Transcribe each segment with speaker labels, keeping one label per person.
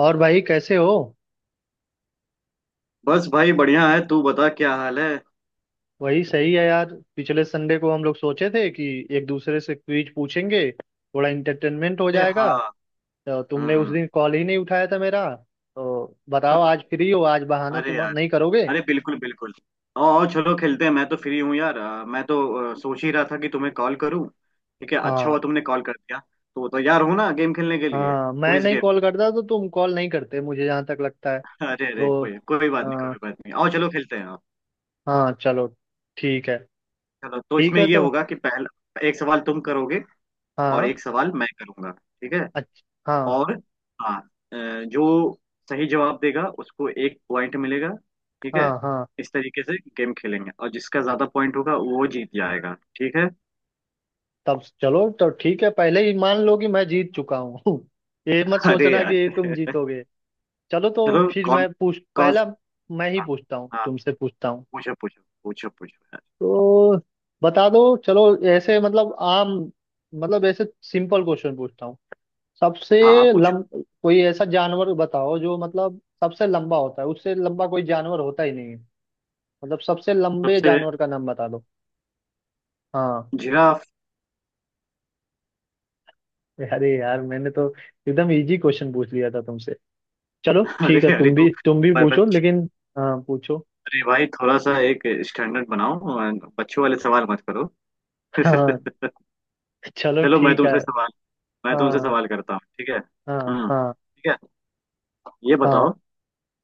Speaker 1: और भाई कैसे हो?
Speaker 2: बस भाई बढ़िया है। तू बता क्या हाल है।
Speaker 1: वही सही है यार। पिछले संडे को हम लोग सोचे थे कि एक दूसरे से क्विज पूछेंगे, थोड़ा इंटरटेनमेंट हो
Speaker 2: अरे
Speaker 1: जाएगा।
Speaker 2: हाँ।
Speaker 1: तो
Speaker 2: हम्म
Speaker 1: तुमने उस
Speaker 2: हम्म,
Speaker 1: दिन कॉल ही नहीं उठाया था मेरा। तो बताओ, आज फ्री हो? आज बहाना
Speaker 2: अरे
Speaker 1: तुम
Speaker 2: यार।
Speaker 1: नहीं करोगे।
Speaker 2: अरे बिल्कुल बिल्कुल। आओ आओ चलो खेलते हैं। मैं तो फ्री हूँ यार, मैं तो सोच ही रहा था कि तुम्हें कॉल करूँ। ठीक है अच्छा
Speaker 1: हाँ।
Speaker 2: हुआ तुमने कॉल कर दिया। तो तैयार हो ना गेम खेलने के लिए,
Speaker 1: हाँ, मैं
Speaker 2: क्विज
Speaker 1: नहीं
Speaker 2: गेम।
Speaker 1: कॉल करता तो तुम कॉल नहीं करते मुझे, जहाँ तक लगता है।
Speaker 2: अरे अरे
Speaker 1: तो
Speaker 2: कोई कोई बात नहीं,
Speaker 1: हाँ।
Speaker 2: कोई बात नहीं। आओ चलो खेलते हैं आओ।
Speaker 1: हाँ, चलो। ठीक है।
Speaker 2: चलो तो
Speaker 1: ठीक
Speaker 2: इसमें
Speaker 1: है।
Speaker 2: ये
Speaker 1: तो
Speaker 2: होगा कि पहला एक सवाल तुम करोगे और
Speaker 1: हाँ,
Speaker 2: एक सवाल मैं करूंगा ठीक है।
Speaker 1: अच्छा। हाँ,
Speaker 2: और हाँ अ, जो सही जवाब देगा उसको एक पॉइंट मिलेगा ठीक है।
Speaker 1: हाँ, हाँ।
Speaker 2: इस तरीके से गेम खेलेंगे और जिसका ज्यादा पॉइंट होगा वो जीत जाएगा ठीक है।
Speaker 1: तब चलो, तो ठीक है। पहले ही मान लो कि मैं जीत चुका हूँ। ये मत
Speaker 2: अरे
Speaker 1: सोचना
Speaker 2: यार।
Speaker 1: कि तुम जीतोगे। चलो तो
Speaker 2: चलो
Speaker 1: फिर
Speaker 2: कौन,
Speaker 1: मैं पूछ
Speaker 2: कौन।
Speaker 1: पहला। मैं ही
Speaker 2: हाँ
Speaker 1: पूछता हूँ,
Speaker 2: हाँ
Speaker 1: तुमसे पूछता हूँ।
Speaker 2: पूछो पूछो पूछो पूछो यार।
Speaker 1: तो बता दो। चलो, ऐसे मतलब आम, मतलब ऐसे सिंपल क्वेश्चन पूछता हूँ। सबसे
Speaker 2: हाँ हाँ पूछो।
Speaker 1: लम कोई ऐसा जानवर बताओ जो मतलब सबसे लंबा होता है, उससे लंबा कोई जानवर होता ही नहीं है। मतलब सबसे लंबे
Speaker 2: सबसे।
Speaker 1: जानवर का नाम बता दो। हाँ।
Speaker 2: जिराफ।
Speaker 1: अरे यार, मैंने तो एकदम इजी क्वेश्चन पूछ लिया था तुमसे। चलो
Speaker 2: अरे
Speaker 1: ठीक है,
Speaker 2: अरे
Speaker 1: तुम
Speaker 2: तो,
Speaker 1: भी तुम भी
Speaker 2: पर
Speaker 1: पूछो
Speaker 2: बच
Speaker 1: लेकिन। हाँ, पूछो।
Speaker 2: अरे भाई थोड़ा सा एक स्टैंडर्ड बनाओ और बच्चों वाले सवाल मत करो।
Speaker 1: हाँ। चलो।
Speaker 2: चलो
Speaker 1: ठीक है।
Speaker 2: मैं तुमसे
Speaker 1: हाँ,
Speaker 2: सवाल करता हूँ ठीक है,
Speaker 1: हाँ, हाँ।
Speaker 2: ठीक है। ये
Speaker 1: हाँ,
Speaker 2: बताओ,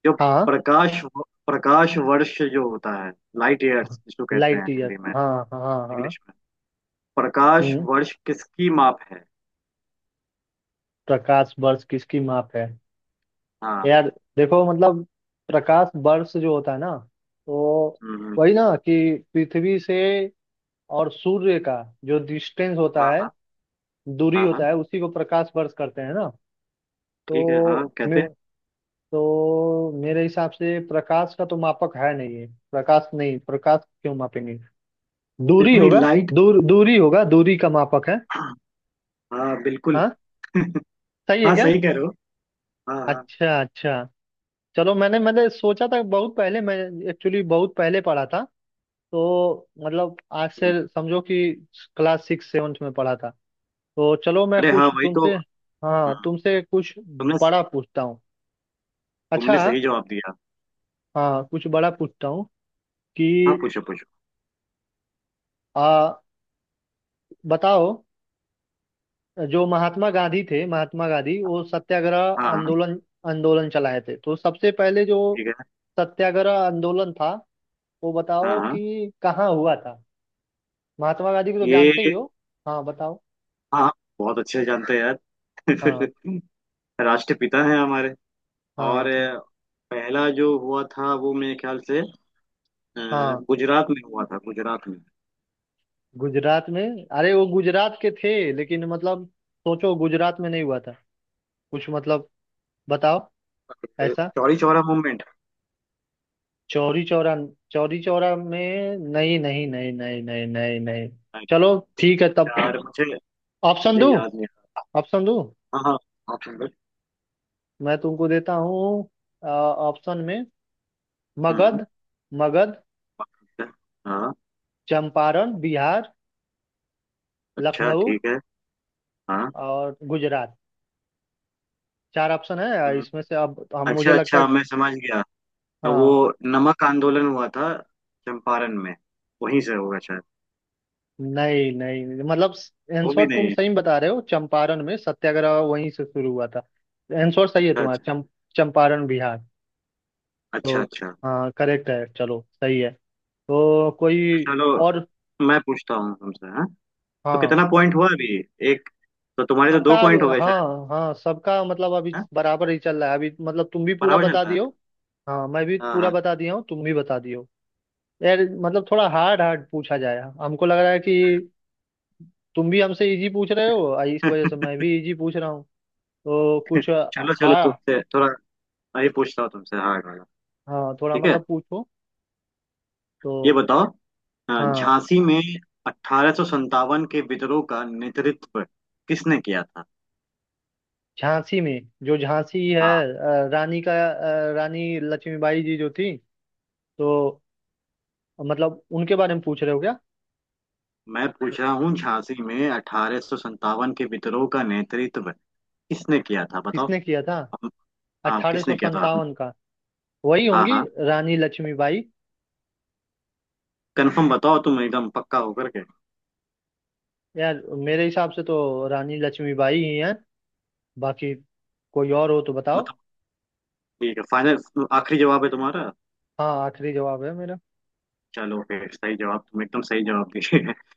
Speaker 2: जो
Speaker 1: हाँ,
Speaker 2: प्रकाश, प्रकाश वर्ष जो होता है, लाइट
Speaker 1: हाँ।
Speaker 2: ईयर्स जिसको कहते हैं
Speaker 1: लाइट ईयर,
Speaker 2: हिंदी में,
Speaker 1: हाँ, हाँ, हाँ। हाँ।
Speaker 2: इंग्लिश में, प्रकाश
Speaker 1: हम्म।
Speaker 2: वर्ष किसकी माप है?
Speaker 1: प्रकाश वर्ष किसकी माप है?
Speaker 2: हाँ।
Speaker 1: यार देखो, मतलब प्रकाश वर्ष जो होता है ना, तो
Speaker 2: हम्म,
Speaker 1: वही ना कि पृथ्वी से और सूर्य का जो डिस्टेंस होता
Speaker 2: हाँ
Speaker 1: है,
Speaker 2: हाँ
Speaker 1: दूरी
Speaker 2: हाँ।
Speaker 1: होता
Speaker 2: हाँ
Speaker 1: है, उसी को प्रकाश वर्ष करते हैं ना।
Speaker 2: ठीक है हाँ
Speaker 1: तो
Speaker 2: कहते हैं।
Speaker 1: तो मेरे हिसाब से प्रकाश का तो मापक है नहीं है, प्रकाश नहीं, प्रकाश क्यों मापेंगे।
Speaker 2: नहीं
Speaker 1: दूरी
Speaker 2: नहीं
Speaker 1: होगा।
Speaker 2: लाइट।
Speaker 1: दूरी होगा, दूरी का मापक है।
Speaker 2: हाँ बिल्कुल।
Speaker 1: हाँ, सही है
Speaker 2: हाँ
Speaker 1: क्या?
Speaker 2: सही कह रहे हो, हाँ हाँ।
Speaker 1: अच्छा, अच्छा। चलो, मैंने मैंने सोचा था बहुत पहले मैं एक्चुअली बहुत पहले पढ़ा था। तो मतलब आज से
Speaker 2: हम्म,
Speaker 1: समझो कि क्लास सिक्स सेवन्थ में पढ़ा था। तो चलो, मैं
Speaker 2: अरे हाँ
Speaker 1: कुछ
Speaker 2: वही तो।
Speaker 1: तुमसे। हाँ,
Speaker 2: हाँ,
Speaker 1: तुमसे कुछ
Speaker 2: तुमने
Speaker 1: बड़ा पूछता हूँ। अच्छा।
Speaker 2: तुमने सही जवाब दिया।
Speaker 1: हाँ, कुछ बड़ा पूछता हूँ कि
Speaker 2: हाँ पूछो पूछो।
Speaker 1: आ बताओ, जो महात्मा गांधी थे, महात्मा गांधी वो सत्याग्रह
Speaker 2: हाँ हाँ
Speaker 1: आंदोलन आंदोलन चलाए थे। तो सबसे पहले जो
Speaker 2: ठीक है,
Speaker 1: सत्याग्रह आंदोलन था वो
Speaker 2: हाँ
Speaker 1: बताओ
Speaker 2: हाँ।
Speaker 1: कि कहाँ हुआ था। महात्मा गांधी को तो जानते
Speaker 2: ये
Speaker 1: ही हो। हाँ, बताओ।
Speaker 2: हाँ बहुत अच्छे जानते हैं यार।
Speaker 1: हाँ,
Speaker 2: राष्ट्रपिता हैं हमारे। और
Speaker 1: हाँ, सर।
Speaker 2: पहला जो हुआ था वो मेरे ख्याल से
Speaker 1: हाँ,
Speaker 2: गुजरात में हुआ था, गुजरात में।
Speaker 1: गुजरात में? अरे वो गुजरात के थे लेकिन, मतलब सोचो, गुजरात में नहीं हुआ था। कुछ मतलब बताओ। ऐसा?
Speaker 2: चौरी चौरा मूवमेंट।
Speaker 1: चौरी चौरा? चौरी चौरा में नहीं, नहीं, नहीं, नहीं, नहीं, नहीं, नहीं। चलो ठीक है तब,
Speaker 2: यार मुझे
Speaker 1: ऑप्शन
Speaker 2: मुझे
Speaker 1: दो।
Speaker 2: याद नहीं आ
Speaker 1: ऑप्शन दो,
Speaker 2: रहा। हाँ हाँ ऑप्शन दो।
Speaker 1: मैं तुमको देता हूँ। ऑप्शन में
Speaker 2: हम्म।
Speaker 1: मगध, मगध,
Speaker 2: पाकिस्तान। हाँ
Speaker 1: चंपारण बिहार,
Speaker 2: अच्छा
Speaker 1: लखनऊ
Speaker 2: ठीक है हाँ।
Speaker 1: और गुजरात। चार ऑप्शन है,
Speaker 2: हम्म,
Speaker 1: इसमें से अब हम, मुझे
Speaker 2: अच्छा
Speaker 1: लगता है।
Speaker 2: अच्छा मैं समझ गया, वो
Speaker 1: हाँ।
Speaker 2: नमक आंदोलन हुआ था चंपारण में, वहीं से होगा शायद।
Speaker 1: नहीं, नहीं, मतलब
Speaker 2: वो
Speaker 1: आंसर
Speaker 2: भी
Speaker 1: तुम
Speaker 2: नहीं।
Speaker 1: सही बता रहे हो, चंपारण में सत्याग्रह वहीं से शुरू हुआ था। आंसर सही है तुम्हारा,
Speaker 2: अच्छा
Speaker 1: चंपारण बिहार।
Speaker 2: अच्छा
Speaker 1: तो
Speaker 2: अच्छा अच्छा।
Speaker 1: हाँ, करेक्ट है, चलो, सही है। तो कोई
Speaker 2: चलो
Speaker 1: और।
Speaker 2: मैं पूछता हूँ तुमसे हाँ। तो
Speaker 1: हाँ।
Speaker 2: कितना पॉइंट हुआ अभी, एक? तो तुम्हारे तो दो पॉइंट हो गए शायद।
Speaker 1: हाँ, हाँ, सबका मतलब अभी
Speaker 2: हाँ?
Speaker 1: बराबर ही चल रहा है अभी। मतलब तुम भी पूरा
Speaker 2: बराबर चल
Speaker 1: बता
Speaker 2: रहा
Speaker 1: दियो।
Speaker 2: है,
Speaker 1: हाँ, मैं भी
Speaker 2: हाँ
Speaker 1: पूरा
Speaker 2: हाँ।
Speaker 1: बता दिया हूँ, तुम भी बता दियो। यार, मतलब थोड़ा हार्ड हार्ड पूछा जाए, हमको लग रहा है कि तुम भी हमसे इजी पूछ रहे हो, और इस वजह से मैं भी इजी पूछ रहा हूँ। तो कुछ।
Speaker 2: चलो चलो
Speaker 1: हाँ।
Speaker 2: तुमसे थोड़ा मैं भी पूछता हूँ तुमसे हाँ हाँ हाँ।
Speaker 1: हाँ, थोड़ा
Speaker 2: ठीक है।
Speaker 1: मतलब पूछो। तो
Speaker 2: ये बताओ,
Speaker 1: हाँ,
Speaker 2: झांसी में अठारह सत्तावन के विद्रोह का नेतृत्व किसने किया था?
Speaker 1: झांसी में जो झांसी है,
Speaker 2: हाँ
Speaker 1: रानी का रानी लक्ष्मीबाई जी जो थी, तो मतलब उनके बारे में पूछ रहे हो क्या?
Speaker 2: मैं पूछ रहा हूँ, झांसी में अठारह सत्तावन के विद्रोह का नेतृत्व किसने किया था बताओ,
Speaker 1: किसने किया था?
Speaker 2: हम। हाँ
Speaker 1: अठारह सौ
Speaker 2: किसने किया था, हम।
Speaker 1: संतावन का। वही
Speaker 2: हाँ
Speaker 1: होंगी,
Speaker 2: हाँ।
Speaker 1: रानी लक्ष्मीबाई।
Speaker 2: कंफर्म बताओ तुम एकदम पक्का होकर के।
Speaker 1: यार मेरे हिसाब से तो रानी लक्ष्मीबाई ही हैं, बाकी कोई और हो तो बताओ।
Speaker 2: मतलब ठीक है फाइनल, आखिरी जवाब है तुम्हारा।
Speaker 1: हाँ, आखिरी जवाब है मेरा।
Speaker 2: चलो फिर सही जवाब, तुम एकदम सही जवाब दिए।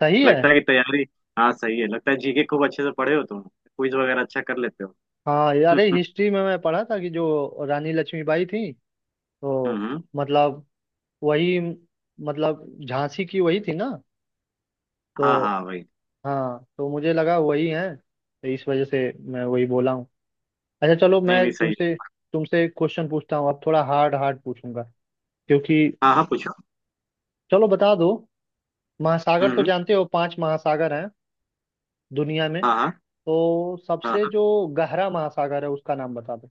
Speaker 1: सही है।
Speaker 2: लगता है कि तैयारी। हाँ सही है, लगता है जीके खूब अच्छे से पढ़े हो तुम, क्विज वगैरह अच्छा कर लेते हो।
Speaker 1: हाँ, अरे हिस्ट्री में मैं पढ़ा था कि जो रानी लक्ष्मीबाई थी, तो
Speaker 2: हम्म।
Speaker 1: मतलब वही, मतलब झांसी की वही थी ना।
Speaker 2: हाँ
Speaker 1: तो
Speaker 2: हाँ भाई।
Speaker 1: हाँ, तो मुझे लगा वही है, तो इस वजह से मैं वही बोला हूँ। अच्छा चलो,
Speaker 2: नहीं नहीं
Speaker 1: मैं
Speaker 2: सही
Speaker 1: तुमसे,
Speaker 2: है।
Speaker 1: तुमसे क्वेश्चन पूछता हूँ। अब थोड़ा हार्ड हार्ड पूछूंगा क्योंकि।
Speaker 2: हाँ हाँ पूछो।
Speaker 1: चलो, बता दो। महासागर तो
Speaker 2: हम्म,
Speaker 1: जानते हो, पांच महासागर हैं दुनिया में।
Speaker 2: हाँ हाँ
Speaker 1: तो
Speaker 2: हाँ
Speaker 1: सबसे जो गहरा महासागर है उसका नाम बता दो।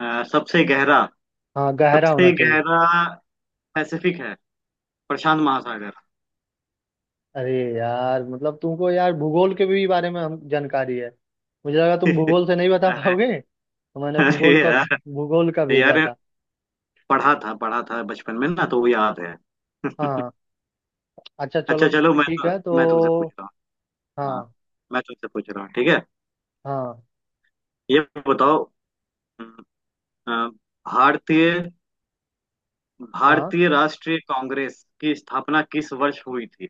Speaker 2: हाँ। सबसे गहरा,
Speaker 1: हाँ, गहरा होना
Speaker 2: सबसे
Speaker 1: चाहिए।
Speaker 2: गहरा पैसिफिक है, प्रशांत महासागर।
Speaker 1: अरे यार, मतलब तुमको यार भूगोल के भी बारे में हम जानकारी है। मुझे लगा तुम भूगोल से नहीं बता
Speaker 2: अरे।
Speaker 1: पाओगे, तो मैंने
Speaker 2: अरे
Speaker 1: भूगोल का
Speaker 2: यार।
Speaker 1: भूगोल का भेजा
Speaker 2: यार,
Speaker 1: था।
Speaker 2: पढ़ा था बचपन में ना तो वो याद है।
Speaker 1: हाँ, अच्छा चलो।
Speaker 2: अच्छा चलो मैं
Speaker 1: ठीक
Speaker 2: तो,
Speaker 1: है, तो
Speaker 2: मैं तुमसे पूछ रहा हूँ, हाँ।
Speaker 1: हाँ,
Speaker 2: मैं तुमसे पूछ रहा हूँ ठीक है।
Speaker 1: हाँ,
Speaker 2: ये बताओ, हम्म, अ, भारतीय
Speaker 1: हाँ।
Speaker 2: भारतीय राष्ट्रीय कांग्रेस की स्थापना किस वर्ष हुई थी?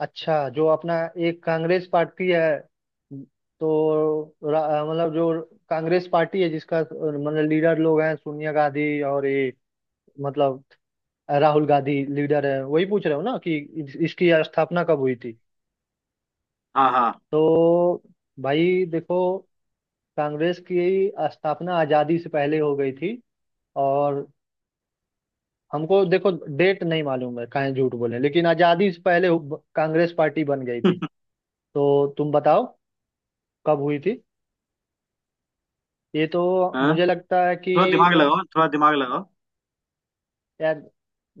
Speaker 1: अच्छा, जो अपना एक कांग्रेस पार्टी है, तो रा- मतलब जो कांग्रेस पार्टी है जिसका मतलब लीडर लोग हैं सोनिया गांधी, और ये, मतलब राहुल गांधी लीडर है, वही पूछ रहे हो ना कि इसकी स्थापना कब हुई थी?
Speaker 2: हाँ हाँ।
Speaker 1: तो भाई देखो, कांग्रेस की स्थापना आजादी से पहले हो गई थी, और हमको देखो, डेट नहीं मालूम है, काहे झूठ बोले, लेकिन आजादी से पहले कांग्रेस पार्टी बन गई थी। तो तुम बताओ, कब हुई थी ये तो।
Speaker 2: हाँ
Speaker 1: मुझे लगता है
Speaker 2: थोड़ा
Speaker 1: कि
Speaker 2: दिमाग लगाओ, थोड़ा दिमाग लगाओ।
Speaker 1: यार,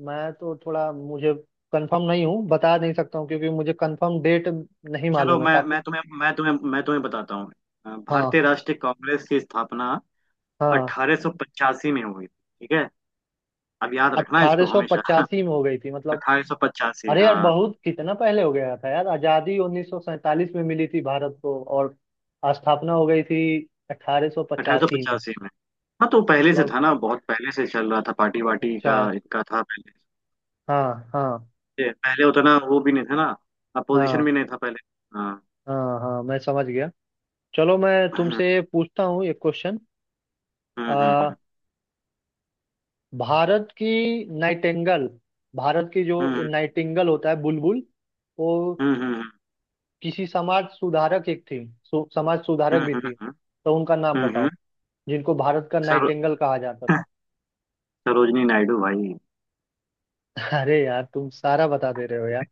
Speaker 1: मैं तो थोड़ा, मुझे कंफर्म नहीं हूँ, बता नहीं सकता हूँ, क्योंकि मुझे कंफर्म डेट नहीं
Speaker 2: चलो
Speaker 1: मालूम है काफी।
Speaker 2: मैं तुम्हें बताता हूँ,
Speaker 1: हाँ।
Speaker 2: भारतीय राष्ट्रीय कांग्रेस की स्थापना
Speaker 1: हाँ,
Speaker 2: 1885 में हुई थी, ठीक है। अब याद रखना इसको हमेशा।
Speaker 1: 1885 में हो गई थी मतलब?
Speaker 2: 1885
Speaker 1: अरे यार,
Speaker 2: हाँ।
Speaker 1: बहुत कितना पहले हो गया था यार, आज़ादी 1947 में मिली थी भारत को, और स्थापना हो गई थी 1885 में।
Speaker 2: 1885 में। हाँ तो पहले से
Speaker 1: मतलब,
Speaker 2: था ना, बहुत पहले से चल रहा था, पार्टी वार्टी
Speaker 1: अच्छा।
Speaker 2: का इनका था पहले।
Speaker 1: हाँ, हाँ,
Speaker 2: ये पहले उतना वो भी नहीं था ना,
Speaker 1: हाँ,
Speaker 2: अपोजिशन भी नहीं था पहले। हाँ।
Speaker 1: हाँ। हाँ, मैं समझ गया। चलो, मैं तुमसे पूछता हूँ एक क्वेश्चन।
Speaker 2: हम्म हम्म हम्म
Speaker 1: भारत की नाइटेंगल, भारत की जो
Speaker 2: हम्म
Speaker 1: नाइटिंगल होता है बुलबुल, वो
Speaker 2: हम्म हम्म हम्म,
Speaker 1: किसी समाज सुधारक एक थी, समाज सुधारक
Speaker 2: हम्म
Speaker 1: भी
Speaker 2: हम्म
Speaker 1: थी,
Speaker 2: हम्म
Speaker 1: तो उनका नाम
Speaker 2: हम्म, हम्म।
Speaker 1: बताओ जिनको भारत का
Speaker 2: सरो,
Speaker 1: नाइटेंगल कहा जाता था।
Speaker 2: सरोजनी नायडू भाई।
Speaker 1: अरे यार, तुम सारा बता दे रहे हो यार।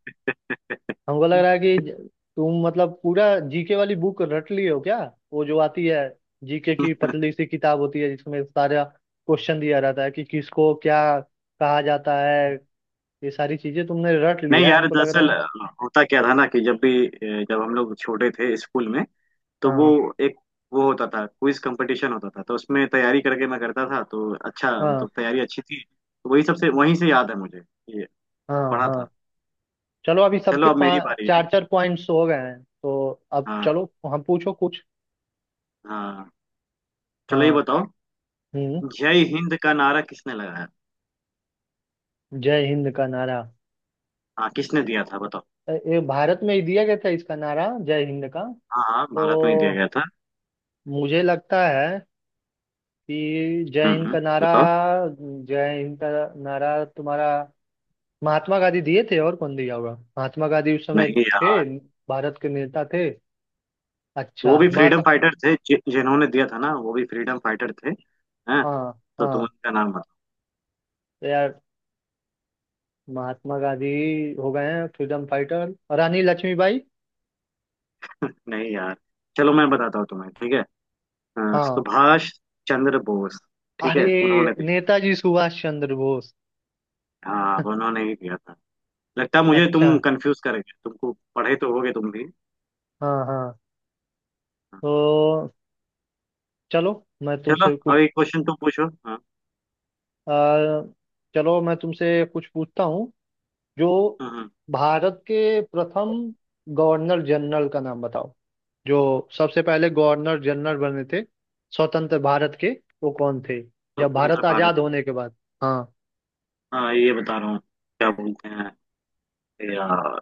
Speaker 1: हमको लग रहा है कि तुम मतलब पूरा जीके वाली बुक रट लिए हो क्या? वो जो आती है, जीके की पतली सी किताब होती है, जिसमें सारा क्वेश्चन दिया रहता है कि किसको क्या कहा जाता है, ये सारी चीजें तुमने रट
Speaker 2: नहीं
Speaker 1: लिया है
Speaker 2: यार,
Speaker 1: हमको लग
Speaker 2: दरअसल
Speaker 1: रहा
Speaker 2: होता क्या था ना कि जब भी, जब हम लोग छोटे थे स्कूल में तो वो
Speaker 1: है।
Speaker 2: एक, वो होता था क्विज कंपटीशन होता था तो उसमें तैयारी करके मैं करता था, तो अच्छा मतलब
Speaker 1: हाँ,
Speaker 2: तैयारी अच्छी थी तो वही सबसे वहीं से याद है मुझे, ये
Speaker 1: हाँ,
Speaker 2: पढ़ा
Speaker 1: हाँ।
Speaker 2: था।
Speaker 1: चलो, अभी
Speaker 2: चलो
Speaker 1: सबके
Speaker 2: अब मेरी
Speaker 1: पाँच,
Speaker 2: बारी है,
Speaker 1: चार चार पॉइंट्स हो गए हैं, तो अब
Speaker 2: हाँ
Speaker 1: चलो। हम, पूछो कुछ।
Speaker 2: हाँ। चलो ये
Speaker 1: हाँ।
Speaker 2: बताओ,
Speaker 1: हम्म।
Speaker 2: जय हिंद का नारा किसने लगाया?
Speaker 1: जय हिंद का नारा?
Speaker 2: हाँ किसने दिया था बताओ।
Speaker 1: ये भारत में ही दिया गया था, इसका नारा, जय हिंद का।
Speaker 2: हाँ हाँ भारत में ही दिया
Speaker 1: तो
Speaker 2: गया था।
Speaker 1: मुझे लगता है कि जय
Speaker 2: हम्म
Speaker 1: हिंद
Speaker 2: हम्म
Speaker 1: का नारा,
Speaker 2: बताओ।
Speaker 1: जय हिंद का नारा, तुम्हारा महात्मा गांधी दिए थे, और कौन दिया होगा? महात्मा गांधी उस समय
Speaker 2: नहीं
Speaker 1: थे
Speaker 2: यार।
Speaker 1: भारत के, नेता थे। अच्छा,
Speaker 2: वो भी फ्रीडम
Speaker 1: महात्मा।
Speaker 2: फाइटर थे, जिन्होंने दिया था ना, वो भी फ्रीडम फाइटर थे हैं।
Speaker 1: हाँ,
Speaker 2: तो तुम
Speaker 1: हाँ।
Speaker 2: उनका नाम बताओ।
Speaker 1: तो यार, महात्मा गांधी हो गए हैं फ्रीडम फाइटर, रानी लक्ष्मीबाई।
Speaker 2: नहीं यार चलो मैं बताता हूँ तुम्हें ठीक है। हाँ,
Speaker 1: हाँ,
Speaker 2: सुभाष चंद्र बोस। ठीक है
Speaker 1: अरे
Speaker 2: उन्होंने दिया।
Speaker 1: नेताजी सुभाष चंद्र बोस।
Speaker 2: हाँ उन्होंने ही दिया था। लगता है मुझे तुम
Speaker 1: अच्छा।
Speaker 2: कंफ्यूज करेंगे, तुमको पढ़े तो होगे तुम भी।
Speaker 1: हाँ, हाँ।
Speaker 2: हाँ,
Speaker 1: तो चलो, मैं
Speaker 2: चलो
Speaker 1: तुमसे
Speaker 2: अब
Speaker 1: कुछ।
Speaker 2: एक क्वेश्चन तुम पूछो हाँ।
Speaker 1: आ, चलो मैं तुमसे कुछ पूछता हूँ। जो
Speaker 2: हम्म, हम्म,
Speaker 1: भारत के प्रथम गवर्नर जनरल का नाम बताओ, जो सबसे पहले गवर्नर जनरल बने थे स्वतंत्र भारत के, वो कौन थे?
Speaker 2: तो
Speaker 1: जब
Speaker 2: स्वतंत्र
Speaker 1: भारत
Speaker 2: भारत।
Speaker 1: आजाद होने के बाद। हाँ।
Speaker 2: हाँ ये बता रहा हूँ, क्या बोलते हैं यार,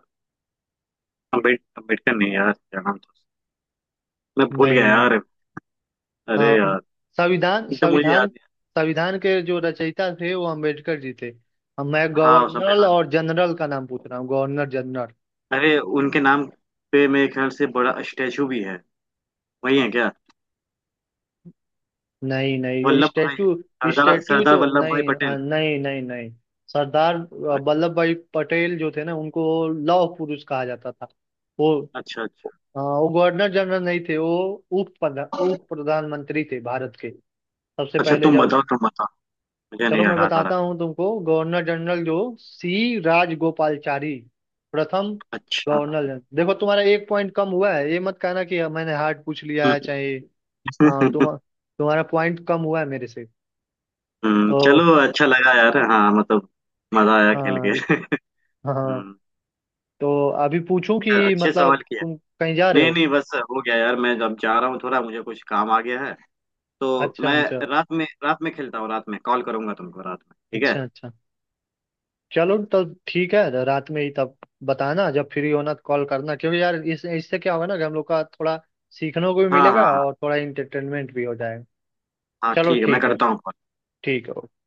Speaker 2: अम्बेडकर नहीं यार, क्या नाम था, मैं भूल गया
Speaker 1: नहीं, नहीं।
Speaker 2: यार। अरे
Speaker 1: हाँ,
Speaker 2: यार,
Speaker 1: संविधान,
Speaker 2: एकदम मुझे याद
Speaker 1: संविधान,
Speaker 2: नहीं।
Speaker 1: संविधान के जो रचयिता थे वो अंबेडकर जी थे। अब मैं
Speaker 2: हाँ
Speaker 1: गवर्नर
Speaker 2: संविधान।
Speaker 1: और जनरल का नाम पूछ रहा हूँ, गवर्नर जनरल।
Speaker 2: अरे उनके नाम पे मेरे ख्याल से बड़ा स्टैचू भी है, वही है क्या?
Speaker 1: नहीं, नहीं,
Speaker 2: वल्लभ भाई,
Speaker 1: स्टैचू,
Speaker 2: सरदार,
Speaker 1: स्टैचू
Speaker 2: सरदार
Speaker 1: तो
Speaker 2: वल्लभ भाई
Speaker 1: नहीं,
Speaker 2: पटेल।
Speaker 1: नहीं, नहीं, नहीं। सरदार
Speaker 2: अ-
Speaker 1: वल्लभ भाई पटेल जो थे ना, उनको लौह पुरुष कहा जाता था। वो
Speaker 2: अच्छा अच्छा
Speaker 1: वो गवर्नर जनरल नहीं थे। वो उप प्रधान, उप प्रधानमंत्री थे भारत के सबसे
Speaker 2: अच्छा,
Speaker 1: पहले
Speaker 2: तुम
Speaker 1: जब।
Speaker 2: बताओ तुम बताओ, मुझे नहीं
Speaker 1: चलो, मैं
Speaker 2: याद आ रहा।
Speaker 1: बताता हूँ तुमको। गवर्नर जनरल जो सी राजगोपालचारी, प्रथम
Speaker 2: अच्छा।
Speaker 1: Governor general. देखो, तुम्हारा एक पॉइंट कम हुआ है, ये मत कहना कि मैंने हार्ड पूछ लिया है, चाहे। हाँ, तुम, तुम्हारा पॉइंट कम हुआ है मेरे से। तो
Speaker 2: चलो अच्छा लगा यार, हाँ मतलब, मजा आया खेल के।
Speaker 1: हाँ, हाँ, हाँ।
Speaker 2: हम्म,
Speaker 1: तो अभी पूछूं
Speaker 2: अच्छा,
Speaker 1: कि
Speaker 2: अच्छे सवाल
Speaker 1: मतलब
Speaker 2: किया।
Speaker 1: तुम कहीं जा रहे
Speaker 2: नहीं
Speaker 1: हो?
Speaker 2: नहीं बस हो गया यार, मैं अब जा रहा हूँ, थोड़ा मुझे कुछ काम आ गया है, तो
Speaker 1: अच्छा,
Speaker 2: मैं
Speaker 1: अच्छा।
Speaker 2: रात में, रात में खेलता हूँ, रात में कॉल करूंगा तुमको रात में, ठीक है।
Speaker 1: अच्छा, अच्छा। चलो तब ठीक है, तो रात में ही तब बताना, जब फ्री होना तो कॉल करना, क्योंकि यार इस, इससे क्या होगा ना कि हम लोग का थोड़ा सीखने को भी
Speaker 2: हाँ हाँ
Speaker 1: मिलेगा
Speaker 2: हाँ।
Speaker 1: और थोड़ा इंटरटेनमेंट भी हो जाएगा।
Speaker 2: हाँ
Speaker 1: चलो
Speaker 2: ठीक है, मैं
Speaker 1: ठीक है।
Speaker 2: करता हूँ call।
Speaker 1: ठीक है, ओके।